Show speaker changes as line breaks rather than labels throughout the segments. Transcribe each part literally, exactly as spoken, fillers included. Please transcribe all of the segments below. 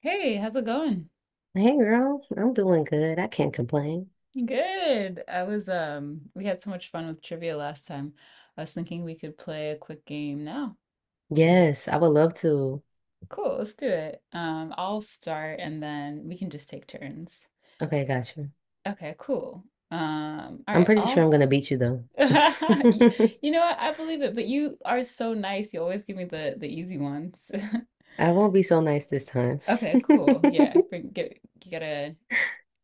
Hey, how's it going?
Hey girl, I'm doing good. I can't complain.
Good. I was um we had so much fun with trivia last time. I was thinking we could play a quick game now.
Yes, I would love to.
Cool, let's do it. Um I'll start and then we can just take turns.
Okay, gotcha.
Okay, cool. Um all
I'm
right,
pretty sure
I'll
I'm gonna beat you though.
Y- You know what? I believe it, but you are so nice. You always give me the the easy ones.
I won't be so nice this time.
Okay, cool. Yeah, bring get you gotta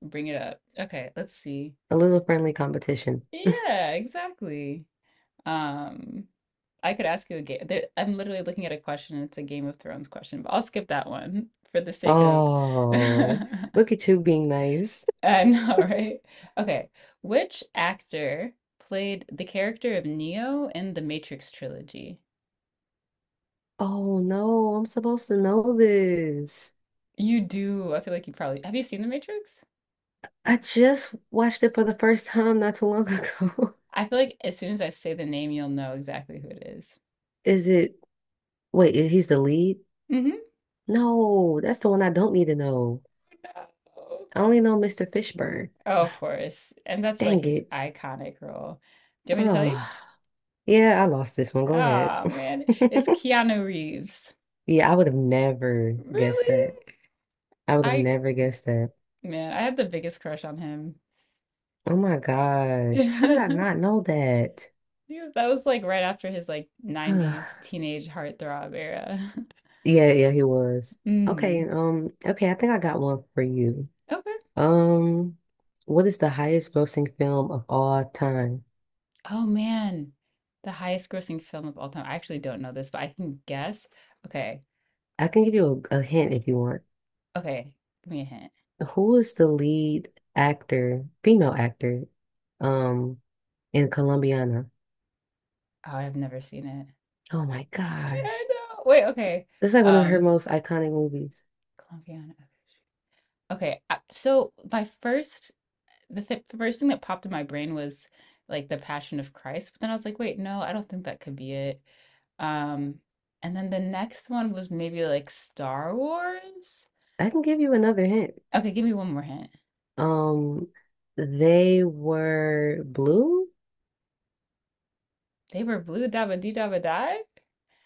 bring it up. Okay, let's see.
A little friendly competition.
Yeah, exactly. Um, I could ask you a game. There, I'm literally looking at a question, and it's a Game of Thrones question, but I'll skip that one for the sake of.
Oh,
I
look at you being nice.
know, right? Okay. Which actor played the character of Neo in the Matrix trilogy?
Oh no, I'm supposed to know this.
You do. I feel like you probably have you seen The Matrix?
I just watched it for the first time not too long ago.
I feel like as soon as I say the name, you'll know exactly who it is.
Is it, wait, he's the lead?
Mm-hmm.
No, that's the one I don't need to know.
No.
I only know mister Fishburne.
Oh, of course. And that's like
Dang
his
it.
iconic role. Do you want me to tell you?
Oh, yeah, I lost this one. Go ahead.
Ah, man, it's Keanu Reeves.
Yeah, I would have never guessed
Really?
that. I would have
I,
never guessed that.
man, I had the biggest crush on him.
Oh my gosh. How did I not know that?
He was- That was like right after his like nineties teenage heartthrob era.
Yeah, yeah, he was. Okay,
Mm.
um, okay, I think I got one for you.
Okay.
Um, what is the highest grossing film of all time?
Oh man. The highest grossing film of all time. I actually don't know this, but I can guess. Okay.
I can give you a, a hint if you want.
Okay. Give me a hint.
Who is the lead actor, female actor, um, in Colombiana?
Oh, I've never seen it.
Oh my
Yeah, I
gosh.
know. Wait, okay.
This is like one of her
Um,
most iconic movies.
Colombiana. Okay. I- So my first the th the first thing that popped in my brain was like the Passion of Christ, but then I was like, wait, no, I don't think that could be it. Um, and then the next one was maybe like Star Wars.
I can give you another hint.
Okay, give me one more hint.
Um, they were blue?
They were blue dabba dee dabba die.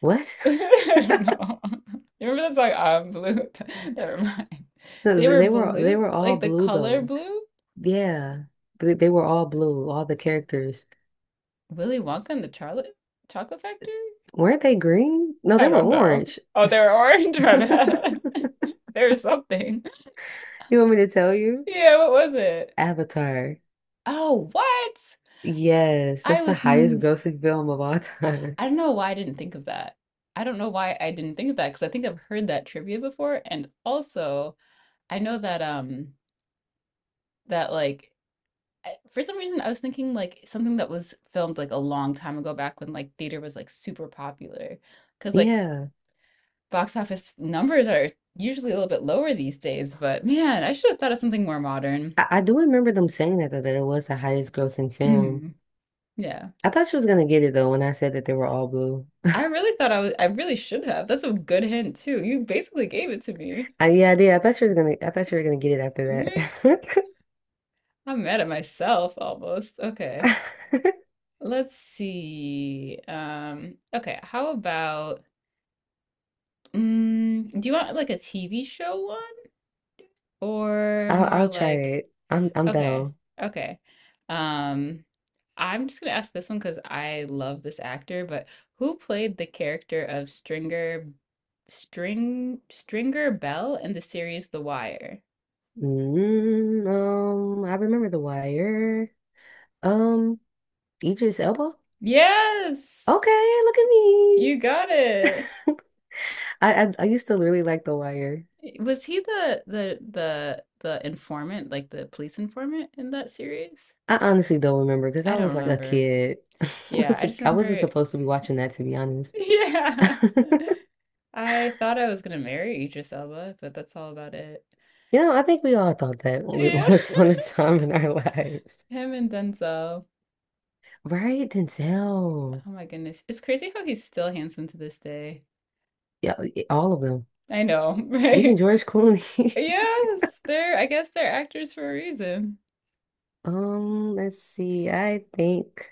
What?
I don't know. You remember that song? I'm blue. Never mind.
No,
They were
They were they
blue,
were all
like the
blue
color
though.
blue.
Yeah. They they were all blue, all the characters.
Willy Wonka and the Charlotte Chocolate Factory.
Weren't they green? No,
I
they were
don't know.
orange.
Oh, they were orange. My
You
bad. They were something.
want me to tell you?
Yeah, what was it?
Avatar.
Oh, what?
Yes,
I
that's the
was,
highest
n-
grossing film of all time.
I don't know why I didn't think of that. I don't know why I didn't think of that because I think I've heard that trivia before. And also, I know that, um, that like, I- for some reason, I was thinking like something that was filmed like a long time ago back when like theater was like super popular. Because like
Yeah.
box office numbers are usually a little bit lower these days. But man, I should have thought of something more modern.
I, I do remember them saying that, that it was the highest grossing film.
hmm Yeah.
I thought she was gonna get it though when I said that they were all blue.
I really thought I was, I really should have. That's a good hint too. You basically gave it to me.
I, yeah, I did. I thought she was gonna. I thought you were gonna get it
Meh,
after
I'm mad at myself almost. Okay.
that.
Let's see. Um, okay, how about mm, do you want like a T V show one or
I'll
more
I'll try
like
it. I'm I'm
okay,
down.
okay. Um, I'm just gonna ask this one because I love this actor, but who played the character of Stringer String Stringer Bell in the series The Wire?
Mm, um, I remember The Wire. Um, Idris Elba.
Yes,
Okay, look at me.
you got it.
I, I I used to really like The Wire.
Was he the the the the informant, like the police informant in that series?
I honestly don't remember because
I
I
don't
was like a
remember.
kid. I
Yeah,
was
I
a,
just
I wasn't
remember.
supposed to be watching that to be honest.
Yeah, I thought I was gonna marry Idris Elba, but that's all about it.
You know, I think we all thought that w-
Yeah,
once upon a time in our lives.
him and Denzel.
Right, Denzel.
Oh my goodness, it's crazy how he's still handsome to this day.
Yeah, y- all of them.
I know,
Even
right?
George Clooney.
Yes, they're. I guess they're actors for a reason.
Um, let's see. I think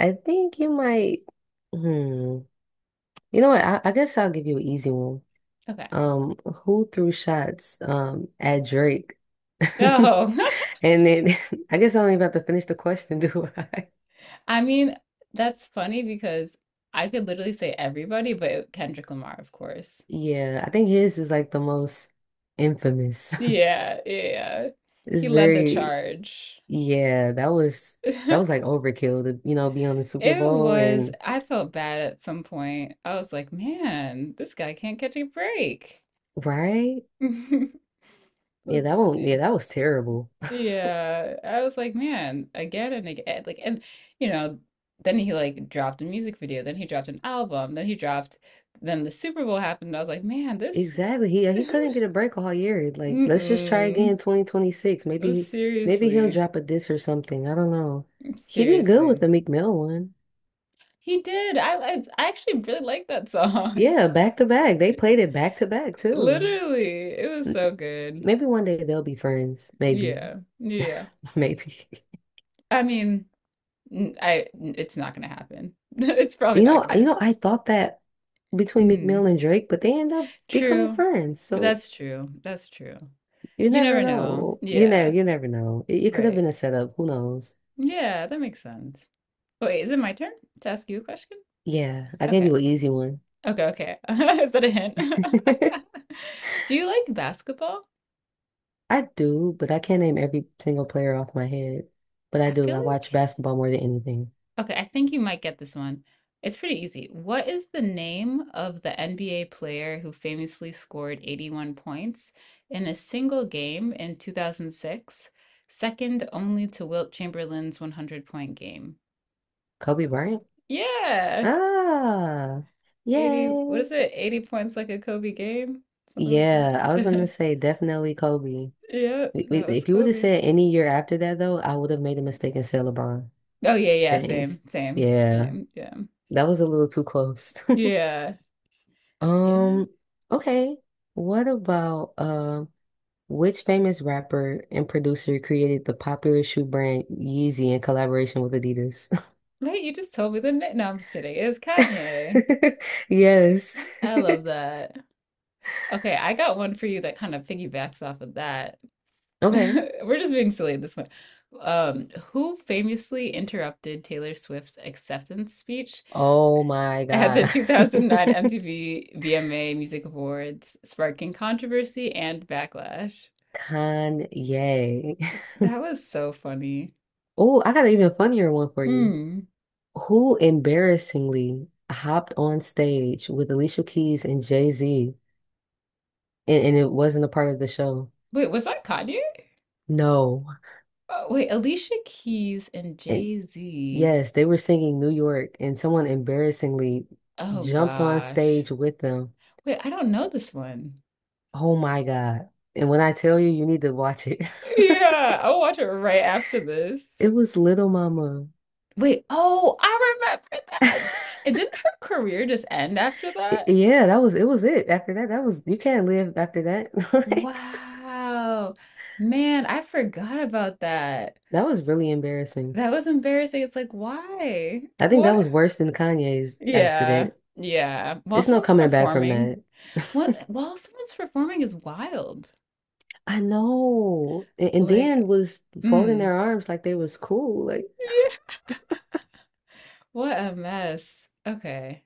I think you might hmm. You know what? I, I guess I'll give you an easy one.
Okay.
Um, who threw shots um at Drake?
No,
And then I guess I don't even have to finish the question, do I?
I mean that's funny because I could literally say everybody, but Kendrick Lamar, of course.
Yeah, I think his is like the most infamous.
Yeah, yeah, yeah. He
It's
led the
very,
charge.
yeah, that was that was like overkill to, you know, be on the Super
It
Bowl
was,
and
I felt bad at some point. I was like, man, this guy can't catch a break.
right? Yeah, that
Let's
one, yeah,
see.
that was terrible.
Yeah, I was like, man, again and again. Like, and you know, then he like dropped a music video, then he dropped an album, then he dropped, then the Super Bowl happened. I was like, man, this,
Exactly. He he couldn't get a break all year. Like, let's just try
mm-mm.
again twenty twenty-six. Maybe he maybe he'll
Seriously,
drop a diss or something. I don't know. He did good
seriously.
with the Meek Mill one.
He did. I, I I actually really like that song.
Yeah, back to back. They played it back to back too.
Literally, it was
M-
so good.
Maybe one day they'll be friends. Maybe.
Yeah. Yeah.
Maybe.
I mean, n- I n- it's not gonna happen. It's probably
You
not
know,
gonna
you
happen.
know, I thought that between Meek
Mm.
Mill and Drake, but they end up becoming
True.
friends. So
That's true. That's true.
you
You
never
never know.
know. You know,
Yeah.
you never know. It, it could have
Right.
been a setup. Who knows?
Yeah, that makes sense. Wait, is it my turn to ask you a question?
Yeah, I gave
Okay.
you an easy one.
Okay, okay. Is that a hint? Do you like basketball?
I do, but I can't name every single player off my head. But I
I
do.
feel
I watch
like
basketball more than anything.
okay, I think you might get this one. It's pretty easy. What is the name of the N B A player who famously scored eighty-one points in a single game in two thousand six, second only to Wilt Chamberlain's one hundred point game?
Kobe Bryant?
Yeah,
Ah,
eighty, what
yay.
is it? eighty points like a Kobe game? Something like
Yeah, I was gonna
that.
say definitely Kobe.
Yep,
I- I-
that was
If you would have
Kobe.
said any year after that, though, I would have made a mistake and said LeBron
Oh, yeah, yeah,
James.
same, same,
Yeah,
same. Yeah.
that was a little too close.
Yeah. Yeah.
Um, okay. What about um? Which famous rapper and producer created the popular shoe brand Yeezy in collaboration with Adidas?
Wait, you just told me the name. No, I'm just kidding. It was Kanye.
Yes.
I love that. Okay, I got one for you that kind of piggybacks off of that.
Okay.
We're just being silly at this point. Um, who famously interrupted Taylor Swift's acceptance speech
Oh my
at the
God.
two thousand nine M T V V M A Music Awards, sparking controversy and backlash?
Kanye.
That was so funny.
Oh, I got an even funnier one for you.
Mm.
Who embarrassingly hopped on stage with Alicia Keys and Jay-Z and, and it wasn't a part of the show?
Wait, was that Kanye?
No.
Oh, wait, Alicia Keys and
And
Jay-Z.
yes, they were singing New York and someone embarrassingly
Oh
jumped on
gosh.
stage with them.
Wait, I don't know this one.
Oh my God. And when I tell you, you need to watch it.
Yeah, I'll watch it right after this.
It was Little Mama.
Wait, oh, I remember
I-
that. And didn't her career just end after that?
Yeah, that was it was it. After that, that was you can't live after that. Like,
Wow. Man, I forgot about that.
that was really embarrassing.
That was embarrassing. It's like, why?
I think that
What?
was worse than Kanye's
Yeah.
accident.
Yeah. While
It's no
someone's
coming back from
performing,
that.
what while someone's performing is wild.
I know. And, and
Like,
Dan was folding
mm.
their arms like they was cool. Like
Yeah. What a mess. Okay.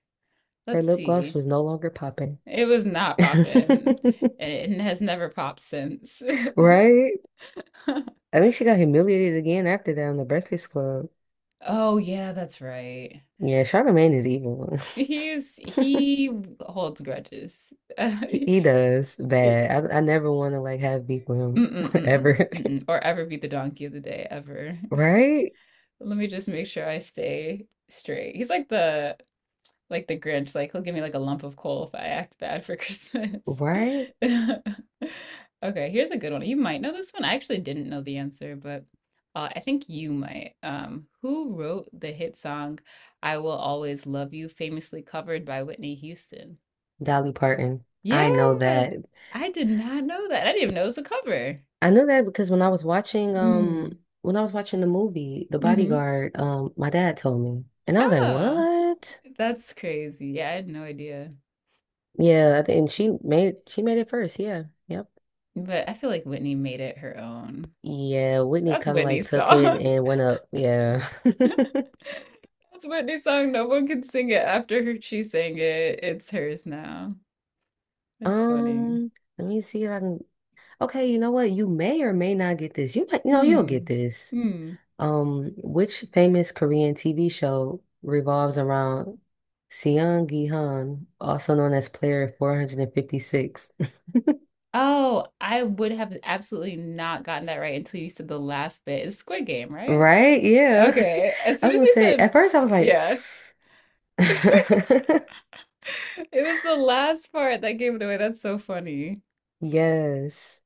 her
Let's
lip gloss
see.
was no longer popping.
It was not popping, and it has never popped since.
Right? I think she got humiliated again after that on the Breakfast Club.
Oh yeah, that's right.
Yeah, Charlemagne is evil.
He's he holds grudges.
He,
Mm-mm,
he does bad. I, I never want to like have beef with him
mm-mm,
ever.
mm-mm, or ever be the donkey of the day ever.
Right?
Let me just make sure I stay straight. He's like the like the Grinch, like he'll give me like a lump of coal if I act bad for Christmas.
Right?
Okay, here's a good one. You might know this one. I actually didn't know the answer, but uh, I think you might. Um, who wrote the hit song "I Will Always Love You," famously covered by Whitney Houston?
Dolly Parton.
Yeah,
I know that.
I did not know that. I didn't even know it was a cover.
I know that because when I was watching um
Mm,
when I was watching the movie The
mm-hmm.
Bodyguard, um my dad told me. And I was like,
Oh,
"What?"
that's crazy. Yeah, I had no idea.
Yeah, I thi- and she made she made it first. Yeah. Yep.
But I feel like Whitney made it her own.
Yeah, Whitney
That's
kind of like
Whitney's
took
song.
it and went up. Yeah.
That's Whitney's song. No one can sing it after her. She sang it. It's hers now. It's funny.
Um, let me see if I can okay, you know what? You may or may not get this. You might, you know, you'll get
Hmm.
this.
Hmm.
Um, which famous Korean T V show revolves around Seong Gi-han, also known as Player four fifty-six?
Oh, I would have absolutely not gotten that right until you said the last bit. It's Squid Game, right?
Right? Yeah.
Okay. As
I
soon
was
as
gonna
you
say,
said,
at first I was like,
yeah, it was the last part that gave it away. That's so funny.
yes.